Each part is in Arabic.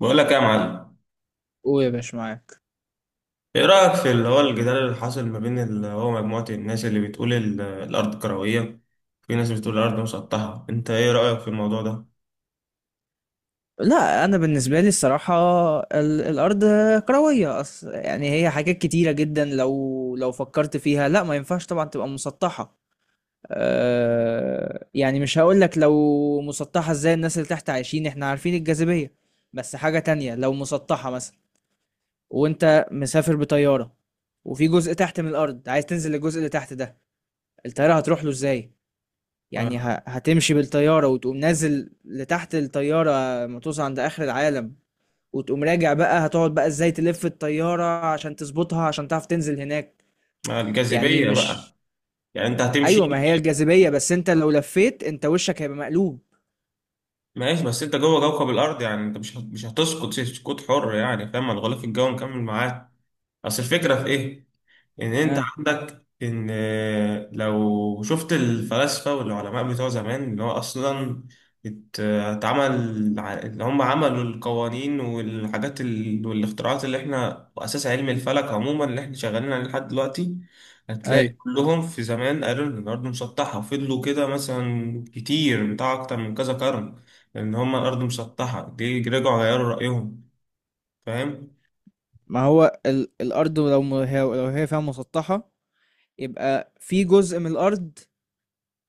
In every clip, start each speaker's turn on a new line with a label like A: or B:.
A: بقول لك إيه يا معلم.
B: قول يا باشا معاك.
A: ايه رأيك في اللي هو الجدال اللي حاصل ما بين اللي هو مجموعة الناس اللي بتقول الأرض كروية؟ في ناس بتقول الأرض مسطحة، انت ايه رأيك في الموضوع ده؟
B: لا، انا بالنسبه لي الصراحه الارض كرويه. اصل يعني هي حاجات كتيره جدا، لو فكرت فيها، لا ما ينفعش طبعا تبقى مسطحه. أه، يعني مش هقول لك لو مسطحه ازاي الناس اللي تحت عايشين، احنا عارفين الجاذبيه. بس حاجه تانية، لو مسطحه مثلا وانت مسافر بطياره، وفي جزء تحت من الارض عايز تنزل للجزء اللي تحت ده، الطياره هتروح له ازاي؟
A: ما
B: يعني هتمشي بالطيارة وتقوم نازل لتحت الطيارة، ما توصل عند آخر العالم وتقوم راجع. بقى هتقعد بقى ازاي تلف الطيارة عشان تظبطها عشان تعرف تنزل هناك؟
A: ما
B: يعني
A: الجاذبية
B: مش.
A: بقى. يعني انت هتمشي.
B: ايوه، ما هي الجاذبية، بس انت لو لفيت انت وشك هيبقى مقلوب.
A: ماشي، بس انت جوه كوكب الأرض، يعني انت مش هتسقط سقوط حر، يعني فاهم، الغلاف الجوي مكمل معاك. اصل الفكرة في ايه؟ ان انت
B: اه.
A: عندك ان لو شفت الفلاسفة والعلماء بتوع زمان اللي هو اصلا اللي هم عملوا القوانين والحاجات والاختراعات اللي احنا واساس علم الفلك عموما اللي احنا شغالين عليه لحد دلوقتي. هتلاقي
B: ايوه،
A: كلهم في زمان قالوا ان الارض مسطحة وفضلوا كده مثلا كتير بتاع اكتر من كذا قرن، ان هم الارض مسطحة دي رجعوا غيروا رأيهم، فاهم.
B: ما هو الارض لو لو هي فيها مسطحة، يبقى في جزء من الارض.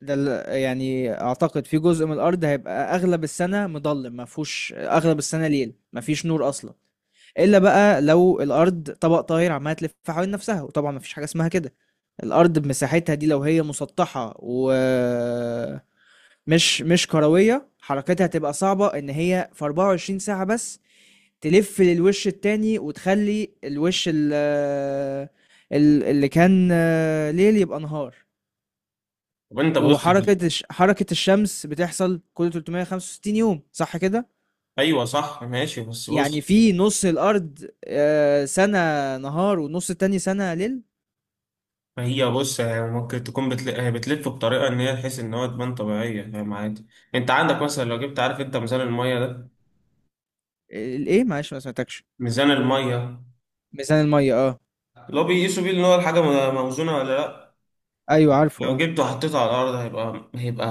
B: ده يعني اعتقد في جزء من الارض هيبقى اغلب السنه مظلم، ما فيهوش، اغلب السنه ليل، ما فيش نور اصلا. الا بقى لو الارض طبق طاير عماله تلف حوالين نفسها، وطبعا ما فيش حاجه اسمها كده. الارض بمساحتها دي لو هي مسطحه ومش مش مش كرويه، حركتها هتبقى صعبه، ان هي في 24 ساعه بس تلف للوش التاني وتخلي الوش اللي كان ليل يبقى نهار.
A: طب انت بص.
B: وحركة الشمس بتحصل كل 365 يوم، صح كده؟
A: ايوه صح، ماشي بس
B: يعني
A: بص.
B: في نص الأرض سنة نهار والنص التاني سنة ليل.
A: ما هي بص هي ممكن تكون هي بتلف بطريقه ان هي تحس ان هو تبان طبيعيه، فاهم، عادي. انت عندك مثلا لو جبت، عارف انت ميزان الميه ده؟
B: الإيه؟ معلش ما سمعتكش.
A: ميزان الميه،
B: ميزان المية، اه.
A: لو بيقيسوا بيه ان هو الحاجه موزونه ولا لا.
B: أيوه عارفه،
A: لو
B: اه.
A: جبته وحطيته على الارض هيبقى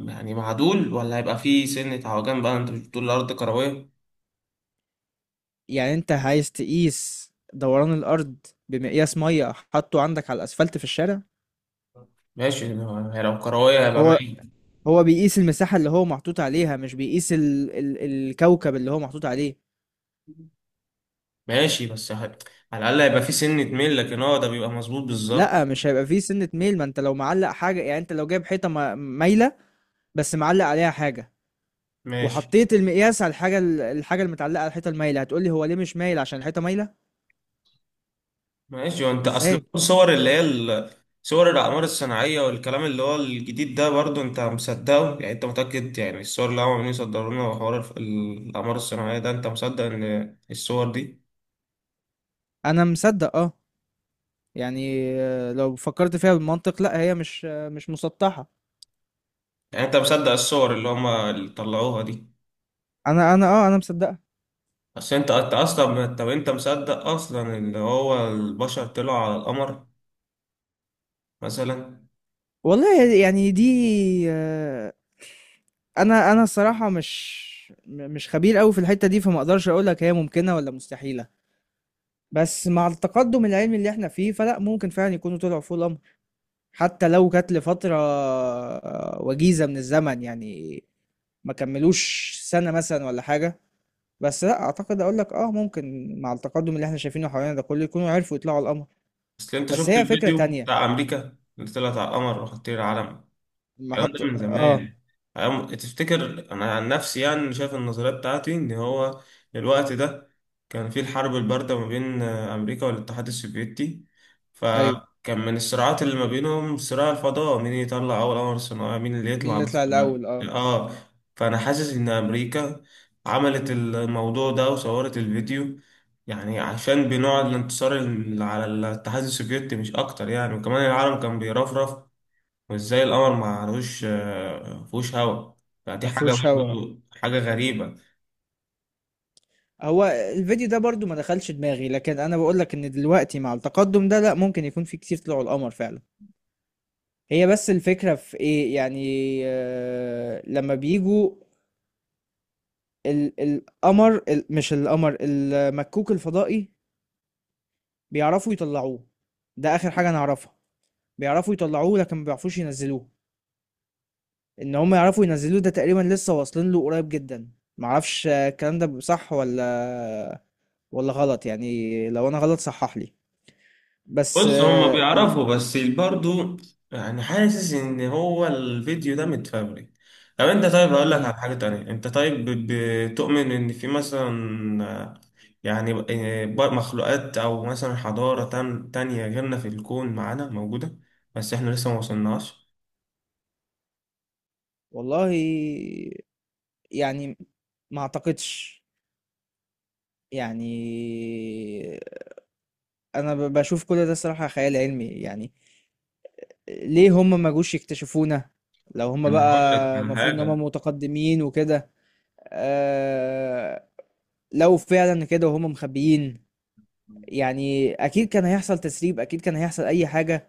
A: يعني معدول ولا هيبقى فيه سنه عوجان بقى؟ انت مش بتقول الارض كرويه؟
B: يعني أنت عايز تقيس دوران الأرض بمقياس مية حاطه عندك على الأسفلت في الشارع؟
A: ماشي، لو كرويه هيبقى
B: هو
A: مايل.
B: هو بيقيس المساحة اللي هو محطوط عليها، مش بيقيس الكوكب اللي هو محطوط عليه.
A: ماشي بس على الاقل هيبقى فيه سنه ميل، لكن هو ده بيبقى مظبوط بالظبط.
B: لا، مش هيبقى فيه سنة ميل. ما انت لو معلق حاجة، يعني انت لو جايب حيطة مايلة بس معلق عليها حاجة،
A: ماشي
B: وحطيت المقياس على الحاجة، الحاجة المتعلقة على الحيطة المايلة هتقولي هو ليه مش مايل؟ عشان الحيطة مايلة.
A: ماشي وانت
B: ازاي؟
A: اصل الصور اللي هي صور الاعمار الصناعيه والكلام اللي هو الجديد ده برضو انت مصدقه؟ يعني انت متاكد يعني الصور اللي هم عمالين يصدروا لنا وحوار الاعمار الصناعيه ده انت مصدق ان الصور دي؟
B: انا مصدق، اه. يعني لو فكرت فيها بالمنطق، لا هي مش مسطحة.
A: يعني انت مصدق الصور اللي هم اللي طلعوها دي؟
B: انا مصدقها.
A: اصل انت اصلا، طب انت مصدق اصلا ان هو البشر طلعوا على القمر مثلا؟
B: والله يعني دي آه، انا الصراحة مش خبير قوي في الحتة دي، فما اقدرش اقول لك هي ممكنة ولا مستحيلة. بس مع التقدم العلمي اللي احنا فيه، فلا، ممكن فعلا يكونوا طلعوا فوق الامر، حتى لو كانت لفترة وجيزة من الزمن، يعني ما كملوش سنة مثلا ولا حاجة. بس لا، اعتقد اقول لك اه، ممكن مع التقدم اللي احنا شايفينه حوالينا ده كله يكونوا عرفوا يطلعوا على القمر.
A: اصل انت
B: بس
A: شفت
B: هي فكرة
A: الفيديو
B: تانية
A: بتاع امريكا اللي طلعت على القمر وحطيت العلم؟
B: لما
A: الكلام ده
B: حط
A: من
B: اه.
A: زمان. تفتكر، انا عن نفسي يعني شايف النظريه بتاعتي ان هو الوقت ده كان في الحرب البارده ما بين امريكا والاتحاد السوفيتي،
B: ايوه،
A: فكان من الصراعات اللي ما بينهم صراع الفضاء، مين يطلع اول قمر صناعي، مين اللي يطلع
B: مين
A: بس.
B: يطلع الاول، اه.
A: اه. فانا حاسس ان امريكا عملت الموضوع ده وصورت الفيديو يعني عشان بنوع الانتصار على الاتحاد السوفيتي مش اكتر يعني. وكمان العالم كان بيرفرف، وازاي القمر ما لهوش فيهوش هوا، فدي
B: ما
A: حاجة
B: فيهوش هوا.
A: برضو حاجة غريبة.
B: هو الفيديو ده برضو ما دخلش دماغي، لكن انا بقول لك ان دلوقتي مع التقدم ده، لا، ممكن يكون في كتير طلعوا القمر فعلا. هي بس الفكرة في ايه يعني؟ لما بيجوا ال القمر ال مش القمر المكوك الفضائي، بيعرفوا يطلعوه. ده اخر حاجة انا اعرفها، بيعرفوا يطلعوه لكن ما بيعرفوش ينزلوه. ان هم يعرفوا ينزلوه، ده تقريبا لسه واصلين له قريب جدا. معرفش الكلام ده صح ولا غلط. يعني لو انا غلط صحح لي. بس
A: بص هما بيعرفوا بس برضو. يعني حاسس ان هو الفيديو ده متفبرك. طب انت، طيب هقول لك على
B: مم.
A: حاجة تانية، انت طيب بتؤمن ان في مثلا آه، يعني مخلوقات او مثلا حضارة تانية غيرنا في الكون معانا موجودة بس احنا لسه ما وصلناش؟
B: والله يعني، ما اعتقدش. يعني انا بشوف كل ده الصراحة خيال علمي يعني. ليه هم ما جوش يكتشفونا لو هم
A: انا هقول لك
B: بقى
A: على
B: المفروض ان هم
A: حاجة
B: متقدمين وكده؟ آه، لو فعلا كده وهم مخبيين، يعني اكيد كان هيحصل تسريب، اكيد كان هيحصل اي حاجة.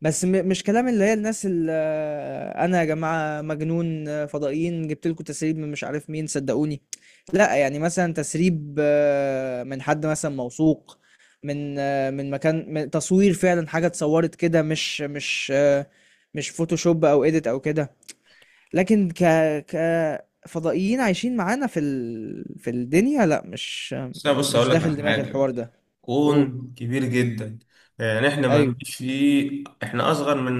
B: بس مش كلام اللي هي الناس اللي: انا يا جماعه مجنون فضائيين، جبت لكم تسريب من مش عارف مين، صدقوني. لا، يعني مثلا تسريب من حد مثلا موثوق، من من مكان، من تصوير فعلا حاجه اتصورت كده، مش فوتوشوب او اديت او كده. لكن ك ك فضائيين عايشين معانا في الدنيا، لا، مش
A: بس انا بص هقول لك
B: داخل
A: على
B: دماغي
A: حاجة.
B: الحوار ده. قول.
A: كون كبير جدا، يعني احنا ما
B: ايوه.
A: نجيش فيه، احنا اصغر من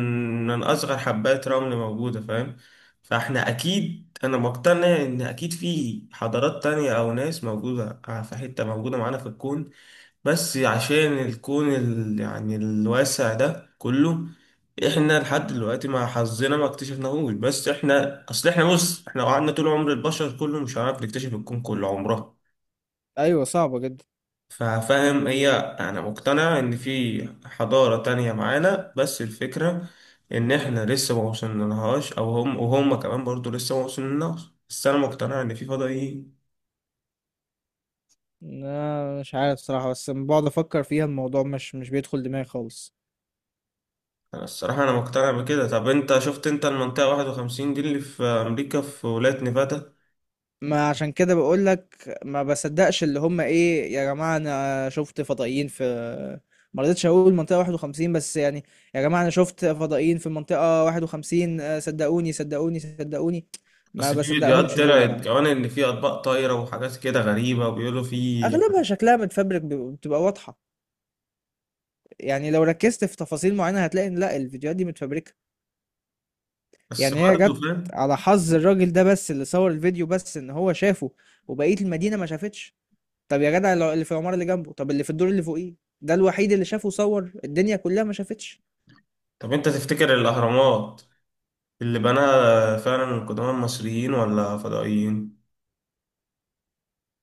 A: من اصغر حبات رمل موجودة، فاهم. فاحنا اكيد، انا مقتنع ان اكيد في حضارات تانية او ناس موجودة في حتة موجودة معانا في الكون، بس عشان الكون يعني الواسع ده كله احنا لحد دلوقتي مع حظنا ما اكتشفناهوش. بس احنا اصل احنا بص احنا لو قعدنا طول عمر البشر كله مش هنعرف نكتشف الكون كله عمره،
B: ايوه، صعبه جدا.
A: ففاهم. هي انا مقتنع ان في حضارة تانية معانا، بس الفكرة ان احنا لسه ما وصلنالهاش، او هم وهم كمان برضو لسه ما وصلنالهاش، بس انا مقتنع ان في فضائيين.
B: لا مش عارف صراحة، بس لما بقعد افكر فيها الموضوع مش بيدخل دماغي خالص.
A: انا الصراحة انا مقتنع بكده. طب انت شفت انت المنطقة 51 دي اللي في امريكا في ولاية نيفادا؟
B: ما عشان كده بقول لك ما بصدقش اللي هم: ايه يا جماعة انا شفت فضائيين في. ما رضيتش اقول منطقة 51 بس يعني. يا جماعة انا شفت فضائيين في منطقة 51، آه، صدقوني صدقوني صدقوني. ما
A: اصل في فيديوهات
B: بصدقهمش دول.
A: طلعت
B: ما
A: كمان ان في اطباق طايرة وحاجات كده غريبة وبيقولوا في.
B: اغلبها شكلها متفبرك، بتبقى واضحة، يعني لو ركزت في تفاصيل معينة هتلاقي ان لا، الفيديوهات دي متفبركة.
A: بس
B: يعني هي
A: برضه
B: جت
A: فاهم.
B: على حظ الراجل ده بس اللي صور الفيديو، بس ان هو شافه وبقية المدينة ما شافتش. طب يا جدع، اللي في العمارة اللي جنبه، طب اللي في الدور اللي فوقيه؟ ده الوحيد اللي شافه؟ صور الدنيا كلها ما شافتش.
A: طب انت تفتكر الاهرامات اللي بناها فعلا القدماء المصريين ولا فضائيين؟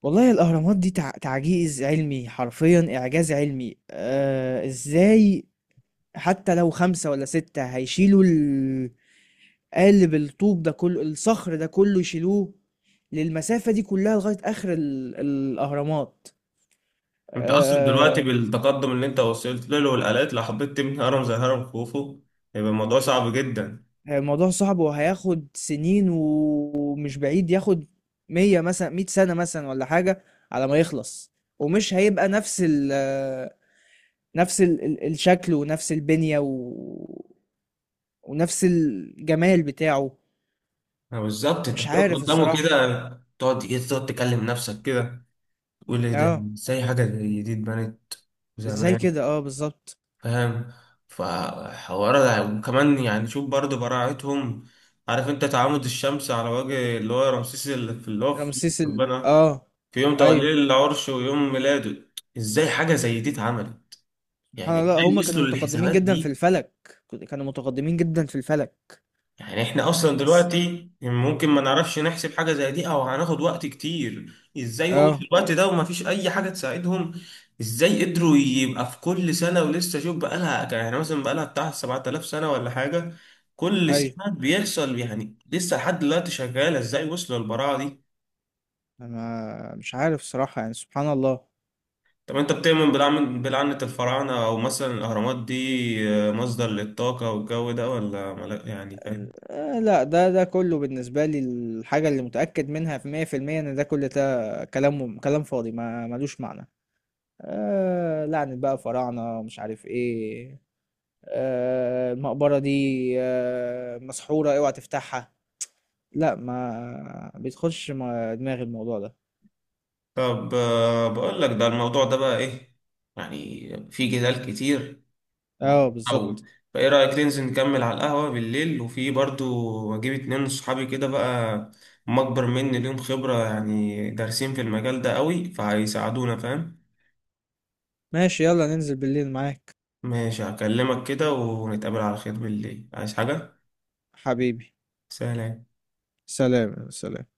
B: والله الأهرامات دي تعجيز علمي، حرفيا إعجاز علمي. إزاي حتى لو خمسة ولا ستة هيشيلوا قالب الطوب ده كله، الصخر ده كله، يشيلوه للمسافة دي كلها لغاية آخر الأهرامات.
A: انت اصلا دلوقتي بالتقدم اللي انت وصلت له والالات، لو حبيت تبني هرم زي هرم خوفو هيبقى الموضوع صعب جدا.
B: آه، الموضوع صعب وهياخد سنين، ومش بعيد ياخد مية مثلا، مية سنة مثلا ولا حاجة، على ما يخلص. ومش هيبقى نفس الشكل، ونفس البنية ونفس الجمال بتاعه.
A: اه بالظبط. انت
B: مش
A: بتقعد
B: عارف
A: قدامه كده،
B: الصراحة.
A: تقعد ايه، تقعد تكلم نفسك كده، تقول ايه ده،
B: اه.
A: ازاي حاجه زي دي اتبنت
B: ازاي
A: زمان،
B: كده؟ اه بالظبط.
A: فاهم. فحوار ده. وكمان يعني شوف برضه براعتهم. عارف انت تعامد الشمس على وجه اللي هو رمسيس اللي في اللي هو في
B: رمسيس ال
A: ربنا
B: اه
A: في يوم توليه
B: ايوه.
A: العرش ويوم ميلاده؟ ازاي حاجه زي دي اتعملت؟ يعني
B: سبحان الله،
A: ازاي
B: هما كانوا
A: وصلوا
B: متقدمين
A: للحسابات
B: جدا في
A: دي؟
B: الفلك. كانوا متقدمين جدا في الفلك.
A: يعني احنا اصلا
B: بس.
A: دلوقتي ممكن ما نعرفش نحسب حاجة زي دي او هناخد وقت كتير. ازاي هو
B: اه.
A: في الوقت ده وما فيش اي حاجة تساعدهم؟ ازاي قدروا يبقى في كل سنة، ولسه شوف، بقالها يعني مثلا بقالها بتاع 7000 سنة ولا حاجة، كل
B: ايوه.
A: سنة بيحصل، يعني لسه لحد دلوقتي شغالة. ازاي وصلوا للبراعة دي؟
B: أنا مش عارف صراحة يعني، سبحان الله.
A: طب انت بتؤمن بلعنة الفراعنة، او مثلا الاهرامات دي مصدر للطاقة والجو ده، ولا يعني فاهم؟
B: آه لا، ده كله بالنسبة لي الحاجة اللي متأكد منها في 100%، إن كل ده كلام فاضي، ما ملوش معنى. آه، لعنة بقى فراعنة، مش عارف إيه. آه، المقبرة دي آه مسحورة، أوعى تفتحها. لا، ما بيدخلش دماغي الموضوع ده.
A: طب بقول لك ده الموضوع ده بقى ايه، يعني في جدال كتير
B: اه بالظبط.
A: وهنطول. فايه رأيك ننزل نكمل على القهوة بالليل، وفي برضو اجيب اتنين من صحابي كده بقى، هم اكبر مني ليهم خبرة يعني دارسين في المجال ده قوي، فهيساعدونا فاهم.
B: ماشي، يلا ننزل بالليل معاك.
A: ماشي هكلمك كده ونتقابل على خير بالليل، عايز حاجة؟
B: حبيبي.
A: سلام.
B: سلام سلام.